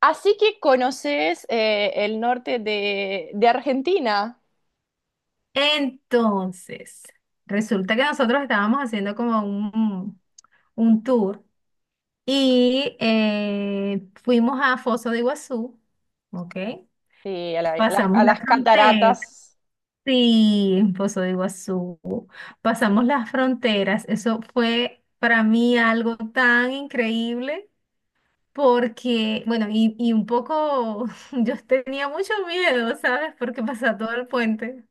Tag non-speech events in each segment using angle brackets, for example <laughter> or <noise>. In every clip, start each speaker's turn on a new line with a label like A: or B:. A: Así que conoces el norte de Argentina,
B: Entonces, resulta que nosotros estábamos haciendo como un tour y fuimos a Foz de Iguazú, ¿ok?
A: sí, a,
B: Pasamos
A: a
B: la
A: las
B: frontera,
A: cataratas
B: sí, en Foz de Iguazú, pasamos las fronteras, eso fue para mí algo tan increíble. Porque, bueno, y un poco, <laughs> yo tenía mucho miedo, ¿sabes? Porque pasaba todo el puente.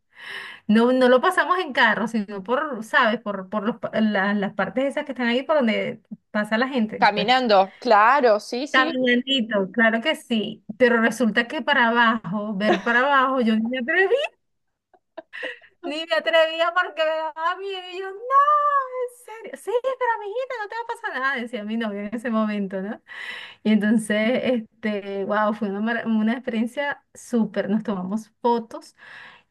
B: No, no lo pasamos en carro, sino por, ¿sabes? Por las partes esas que están ahí por donde pasa la gente, pues.
A: caminando. Claro, sí, sí,
B: Caminandito, claro que sí, pero resulta que para abajo, ver para abajo, yo ni me atreví, ni me atrevía porque me daba miedo. Y yo, no, en serio, sí, pero amiguita, no te va a pasar nada, decía mi novio en ese momento, ¿no? Y entonces, wow, fue una, una experiencia súper, nos tomamos fotos.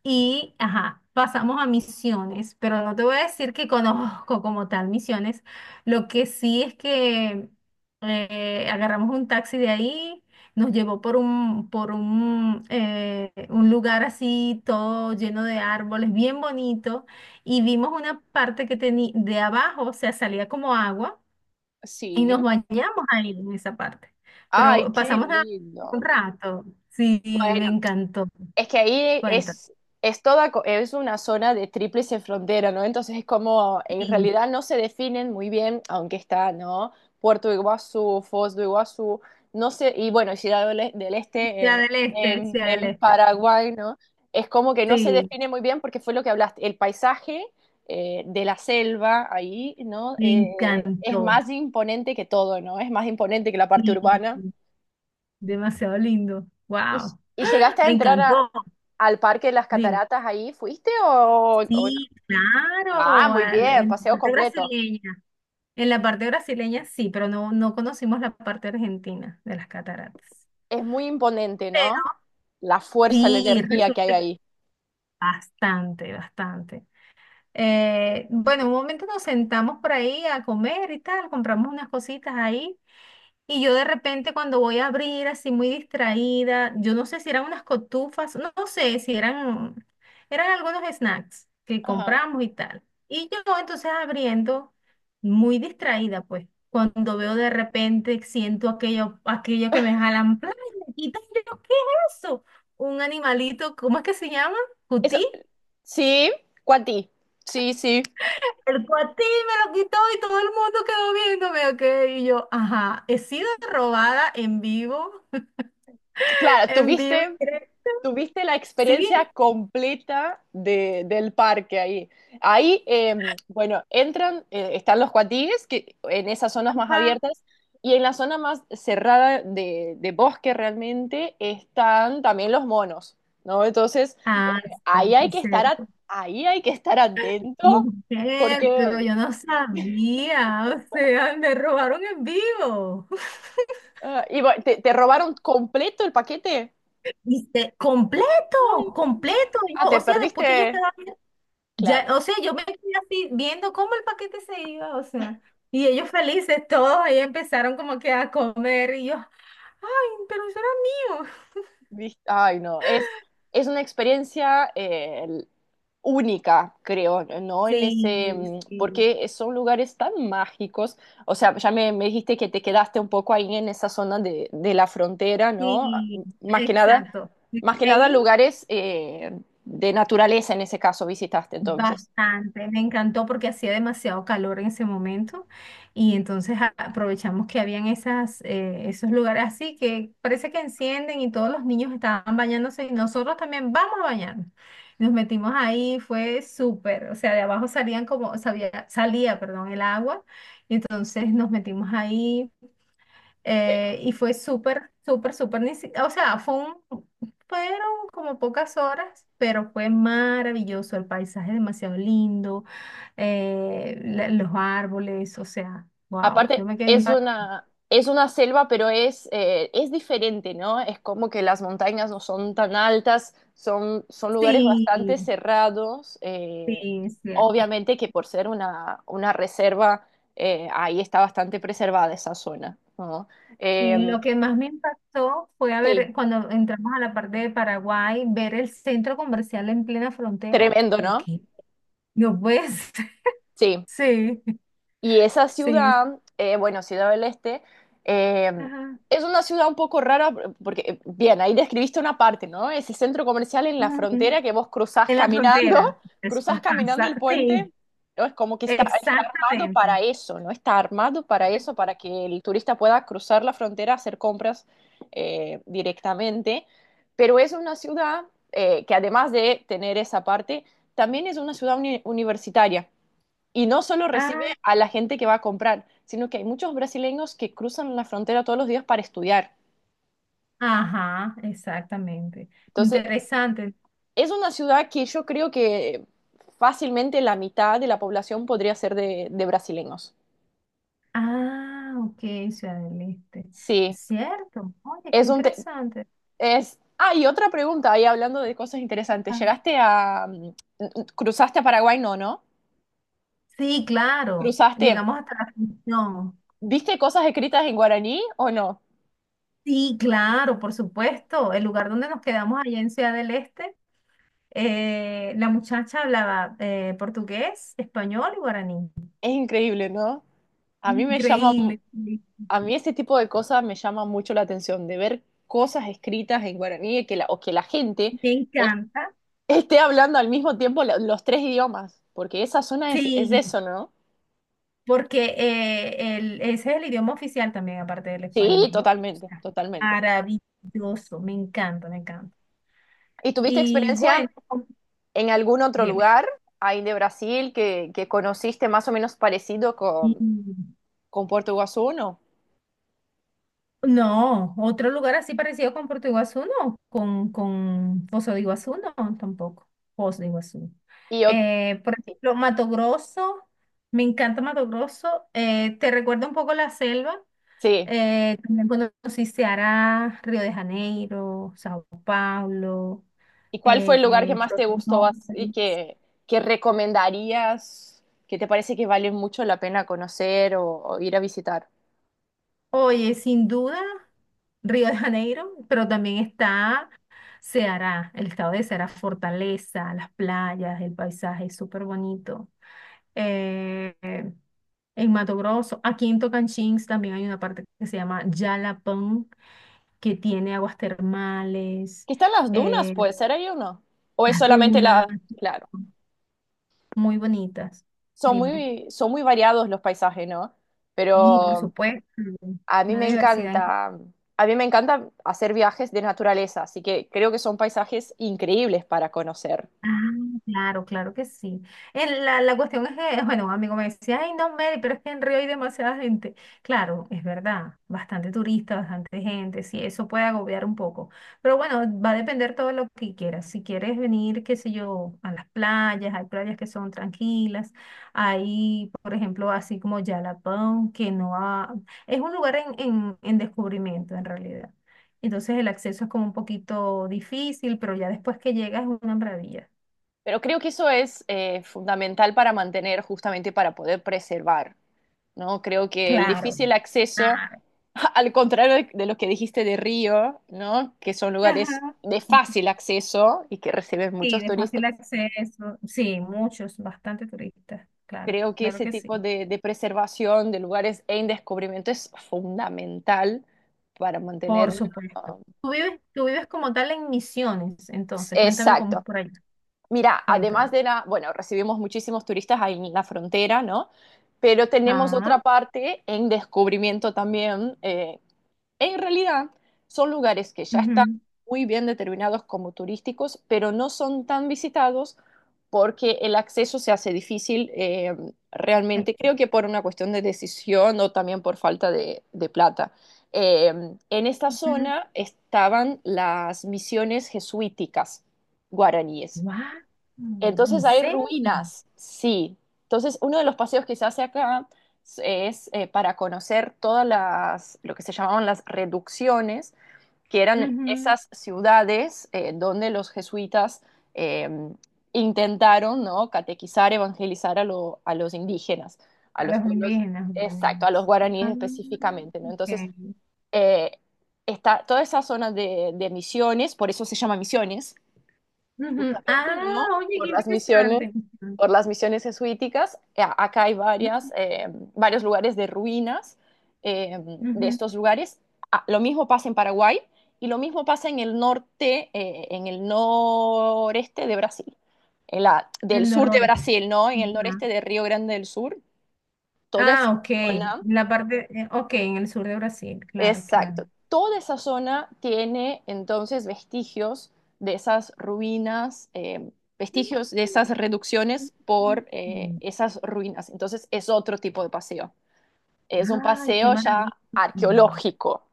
B: Y, ajá, pasamos a misiones, pero no te voy a decir que conozco como tal misiones. Lo que sí es que agarramos un taxi de ahí, nos llevó por un, por un un lugar así todo lleno de árboles, bien bonito, y vimos una parte que tenía de abajo, o sea, salía como agua, y
A: sí.
B: nos bañamos ahí en esa parte.
A: Ay,
B: Pero
A: qué
B: pasamos nada más
A: lindo.
B: un rato, sí, me encantó.
A: Es que ahí
B: Cuenta.
A: es toda, es una zona de tríplice frontera, ¿no? Entonces es como, en
B: Sí.
A: realidad no se definen muy bien, aunque está, ¿no? Puerto Iguazú, Foz do Iguazú, no sé, y bueno, Ciudad del Este
B: Sea del Este, Sea del
A: en
B: Este.
A: Paraguay, ¿no? Es como que no se
B: Sí,
A: define muy bien porque fue lo que hablaste, el paisaje de la selva ahí, ¿no?
B: me
A: Es
B: encantó.
A: más imponente que todo, ¿no? Es más imponente que la parte
B: Sí,
A: urbana.
B: demasiado lindo.
A: ¿Y,
B: Wow,
A: y llegaste a
B: me
A: entrar a,
B: encantó.
A: al Parque de las
B: Dime.
A: Cataratas ahí fuiste o no?
B: Sí,
A: Ah,
B: claro,
A: muy bien,
B: en
A: paseo
B: la parte
A: completo.
B: brasileña. En la parte brasileña sí, pero no, no conocimos la parte argentina de las cataratas.
A: Es muy imponente,
B: Pero
A: ¿no? La fuerza, la
B: sí,
A: energía que
B: resulta
A: hay
B: que
A: ahí.
B: bastante, bastante. Bueno, un momento nos sentamos por ahí a comer y tal, compramos unas cositas ahí. Y yo de repente cuando voy a abrir así muy distraída, yo no sé si eran unas cotufas, no, no sé si eran, eran algunos snacks que
A: Ajá.
B: compramos y tal. Y yo entonces abriendo muy distraída pues, cuando veo de repente siento aquello, aquello que me jalan, ¡plá!, me quitan, y yo, ¿qué es eso? Un animalito, ¿cómo es que se llama?
A: Eso,
B: ¿Cutí?
A: sí, Cuati. Sí, sí.
B: El cuatí me lo quitó y todo el mundo quedó viéndome, ok, y yo, ajá, he sido robada en vivo.
A: Claro,
B: En vivo y
A: tuviste
B: creo.
A: tuviste la
B: Sí,
A: experiencia completa del parque ahí. Ahí, bueno, entran, están los cuatíes, que en esas zonas más
B: ajá.
A: abiertas, y en la zona más cerrada de bosque realmente están también los monos, ¿no? Entonces,
B: Ah,
A: ahí hay
B: cierto,
A: que estar,
B: cierto.
A: ahí hay que estar atento,
B: Mujer, pero
A: porque,
B: yo no sabía. O sea, me robaron en vivo.
A: ah, y bueno, ¿te, te robaron completo el paquete?
B: Dice, completo,
A: Ay,
B: completo.
A: ah,
B: Yo, o
A: te
B: sea, después que ya
A: perdiste,
B: estaba, ya,
A: claro.
B: o sea, yo me quedé así viendo cómo el paquete se iba, o sea, y ellos felices, todos ahí empezaron como que a comer y yo, ay, pero eso era mío.
A: Ay, no, es una experiencia única, creo, ¿no? En
B: Sí,
A: ese,
B: sí,
A: porque son lugares tan mágicos, o sea, ya me dijiste que te quedaste un poco ahí en esa zona de la frontera, ¿no?
B: sí,
A: Más que nada,
B: exacto.
A: más que nada
B: Ahí,
A: lugares de naturaleza en ese caso visitaste entonces.
B: bastante, me encantó porque hacía demasiado calor en ese momento y entonces aprovechamos que habían esas, esos lugares así que parece que encienden y todos los niños estaban bañándose y nosotros también vamos a bañarnos. Nos metimos ahí, fue súper, o sea, de abajo salían como, salía, perdón, el agua y entonces nos metimos ahí. Y fue súper, súper, súper, ni si- o sea, fue un, fueron como pocas horas, pero fue maravilloso, el paisaje demasiado lindo, los árboles, o sea, wow, yo
A: Aparte,
B: me quedé impactada.
A: es una selva, pero es diferente, ¿no? Es como que las montañas no son tan altas, son, son lugares bastante
B: Sí,
A: cerrados.
B: sí, es cierto.
A: Obviamente que por ser una reserva, ahí está bastante preservada esa zona, ¿no? Eh,
B: Sí, lo que más me impactó fue a
A: sí,
B: ver, cuando entramos a la parte de Paraguay, ver el centro comercial en plena frontera.
A: tremendo,
B: Yo,
A: ¿no?
B: ¿qué? No puedes. <laughs>
A: Sí.
B: Sí,
A: Y esa
B: sí.
A: ciudad, bueno, Ciudad del Este, eh,
B: Ajá.
A: es una ciudad un poco rara, porque, bien, ahí describiste una parte, ¿no? Ese centro comercial en la
B: Ujú.
A: frontera que vos cruzás
B: En la
A: caminando, <laughs>
B: frontera. Eso
A: cruzás caminando
B: pasa.
A: el
B: Sí,
A: puente, ¿no? Es como que está, está armado
B: exactamente.
A: para eso, ¿no? Está armado para eso, para que el turista pueda cruzar la frontera, hacer compras directamente. Pero es una ciudad que además de tener esa parte, también es una ciudad universitaria. Y no solo recibe
B: Ah,
A: a la gente que va a comprar, sino que hay muchos brasileños que cruzan la frontera todos los días para estudiar.
B: ajá, exactamente.
A: Entonces,
B: Interesante.
A: es una ciudad que yo creo que fácilmente la mitad de la población podría ser de brasileños.
B: Ah, ok, Ciudad del Este.
A: Sí,
B: Cierto. Oye, qué
A: es un...
B: interesante.
A: es... Ah, y otra pregunta, ahí hablando de cosas interesantes.
B: Ah,
A: ¿Llegaste a... ¿Cruzaste a Paraguay? No, ¿no?
B: sí, claro.
A: ¿Cruzaste?
B: Llegamos hasta la función.
A: ¿Viste cosas escritas en guaraní o no?
B: Sí, claro, por supuesto. El lugar donde nos quedamos allá en Ciudad del Este, la muchacha hablaba portugués, español y guaraní.
A: Es increíble, ¿no? A mí me llama
B: Increíble. Increíble.
A: a mí este tipo de cosas me llama mucho la atención, de ver cosas escritas en guaraní que la, o que la gente
B: Me
A: es-
B: encanta.
A: esté hablando al mismo tiempo los tres idiomas, porque esa zona es
B: Sí,
A: eso, ¿no?
B: porque ese es el idioma oficial también, aparte del español,
A: Sí,
B: ¿no? O
A: totalmente,
B: sea,
A: totalmente.
B: maravilloso, me encanta, me encanta.
A: ¿Y tuviste
B: Y
A: experiencia
B: bueno,
A: en algún otro
B: dime.
A: lugar ahí de Brasil que conociste más o menos parecido
B: Mm.
A: con Puerto Iguazú, no?
B: No, otro lugar así parecido con Puerto Iguazú, no, con Foz de Iguazú, no, tampoco. Foz de Iguazú.
A: Y yo,
B: Por
A: sí,
B: ejemplo, Mato Grosso, me encanta Mato Grosso. Te recuerda un poco la selva.
A: sí.
B: También conocí Ceará, Río de Janeiro, Sao Paulo,
A: ¿Y cuál fue el lugar que más te gustó y
B: Florianópolis.
A: que recomendarías, que te parece que vale mucho la pena conocer o ir a visitar?
B: Oye, sin duda, Río de Janeiro, pero también está Ceará, el estado de Ceará, Fortaleza, las playas, el paisaje es súper bonito. Eh, en Mato Grosso, aquí en Tocantins también hay una parte que se llama Jalapão, que tiene aguas termales,
A: Que están las dunas,
B: eh,
A: puede ser ahí o no. O es
B: las
A: solamente
B: dunas.
A: la... Claro,
B: Muy bonitas, dime.
A: son muy variados los paisajes, ¿no?
B: Y por
A: Pero
B: supuesto,
A: a mí
B: una
A: me
B: diversidad.
A: encanta, a mí me encanta hacer viajes de naturaleza, así que creo que son paisajes increíbles para conocer.
B: Ah, claro, claro que sí. La cuestión es que, <laughs> bueno, un amigo me decía, ay, no, Mary, pero es que en Río hay demasiada gente. Claro, es verdad, bastante turista, bastante gente, sí, eso puede agobiar un poco. Pero bueno, va a depender todo lo que quieras. Si quieres venir, qué sé yo, a las playas, hay playas que son tranquilas, hay, por ejemplo, así como Yalapón, que no ha... Es un lugar en descubrimiento, en realidad. Entonces el acceso es como un poquito difícil, pero ya después que llegas es una maravilla.
A: Pero creo que eso es fundamental para mantener, justamente para poder preservar ¿no? Creo que el
B: Claro,
A: difícil acceso,
B: claro.
A: <laughs> al contrario de lo que dijiste de Río, ¿no? Que son lugares
B: Ajá.
A: de
B: Sí,
A: fácil acceso y que reciben
B: sí,
A: muchos
B: de
A: turistas,
B: fácil acceso. Sí, muchos, bastante turistas. Claro,
A: creo que
B: claro
A: ese
B: que sí.
A: tipo de preservación de lugares en descubrimiento es fundamental para mantener
B: Por
A: una...
B: supuesto. Tú vives como tal en Misiones, entonces, cuéntame cómo es
A: Exacto.
B: por allá.
A: Mira, además
B: Cuéntame.
A: de la, bueno, recibimos muchísimos turistas ahí en la frontera, ¿no? Pero tenemos
B: Ah,
A: otra parte en descubrimiento también, en realidad, son lugares que ya están
B: ujú.
A: muy bien determinados como turísticos, pero no son tan visitados porque el acceso se hace difícil
B: Sí.
A: realmente, creo que por una cuestión de decisión o también por falta de plata. Eh, en esta
B: Ujú.
A: zona estaban las misiones jesuíticas guaraníes.
B: Guau, ¿en
A: Entonces hay
B: serio?
A: ruinas, sí. Entonces uno de los paseos que se hace acá es para conocer todas las, lo que se llamaban las reducciones, que eran
B: Ujú.
A: esas ciudades donde los jesuitas eh, intentaron, ¿no? Catequizar, evangelizar a, a los indígenas, a
B: A
A: los
B: los
A: pueblos,
B: indígenas,
A: exacto, a los
B: ordenados.
A: guaraníes
B: Ah,
A: específicamente, ¿no? Entonces,
B: ok.
A: eh, está toda esa zona de misiones, por eso se llama misiones,
B: Ujú.
A: justamente,
B: Ah,
A: ¿no?
B: oye, qué interesante.
A: Por las misiones jesuíticas. Acá hay varias,
B: Ujú.
A: varios lugares de ruinas eh, de
B: Ujú.
A: estos lugares. Ah, lo mismo pasa en Paraguay y lo mismo pasa en el norte, en el noreste de Brasil, en la, del
B: En
A: sur de
B: Dolores.
A: Brasil, ¿no? En el
B: Ujú.
A: noreste de Río Grande del Sur, toda esa
B: Ah, ok.
A: zona
B: La parte, ok, en el sur de Brasil, claro, claro.
A: exacto. Toda esa zona tiene entonces vestigios de esas ruinas, vestigios de esas reducciones por
B: Mm.
A: esas ruinas. Entonces es otro tipo de paseo. Es un
B: Ay, qué
A: paseo ya
B: maravilla.
A: arqueológico,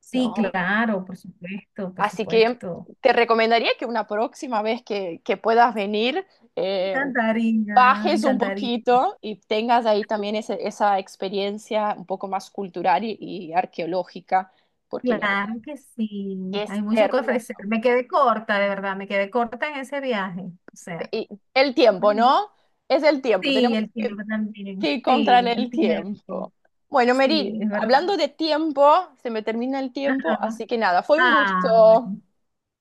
B: Sí,
A: ¿no?
B: claro, por supuesto, por
A: Así que
B: supuesto.
A: te recomendaría que una próxima vez que puedas venir,
B: Me
A: eh,
B: encantaría, me
A: bajes un
B: encantaría.
A: poquito y tengas ahí también esa experiencia un poco más cultural y arqueológica, porque la
B: Claro que
A: Y
B: sí.
A: es
B: Hay mucho que ofrecer.
A: hermoso.
B: Me quedé corta, de verdad, me quedé corta en ese viaje. O sea,
A: Y el tiempo,
B: mm,
A: ¿no? Es el tiempo.
B: sí,
A: Tenemos
B: el tiempo también.
A: que ir contra
B: Sí, el
A: el
B: tiempo.
A: tiempo. Bueno, Meryl,
B: Sí, es verdad.
A: hablando de tiempo, se me termina el tiempo,
B: Ajá.
A: así que nada, fue un
B: Ah,
A: gusto.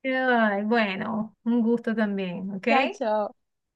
B: ay, bueno, un gusto también, ¿ok?
A: Chao, chao.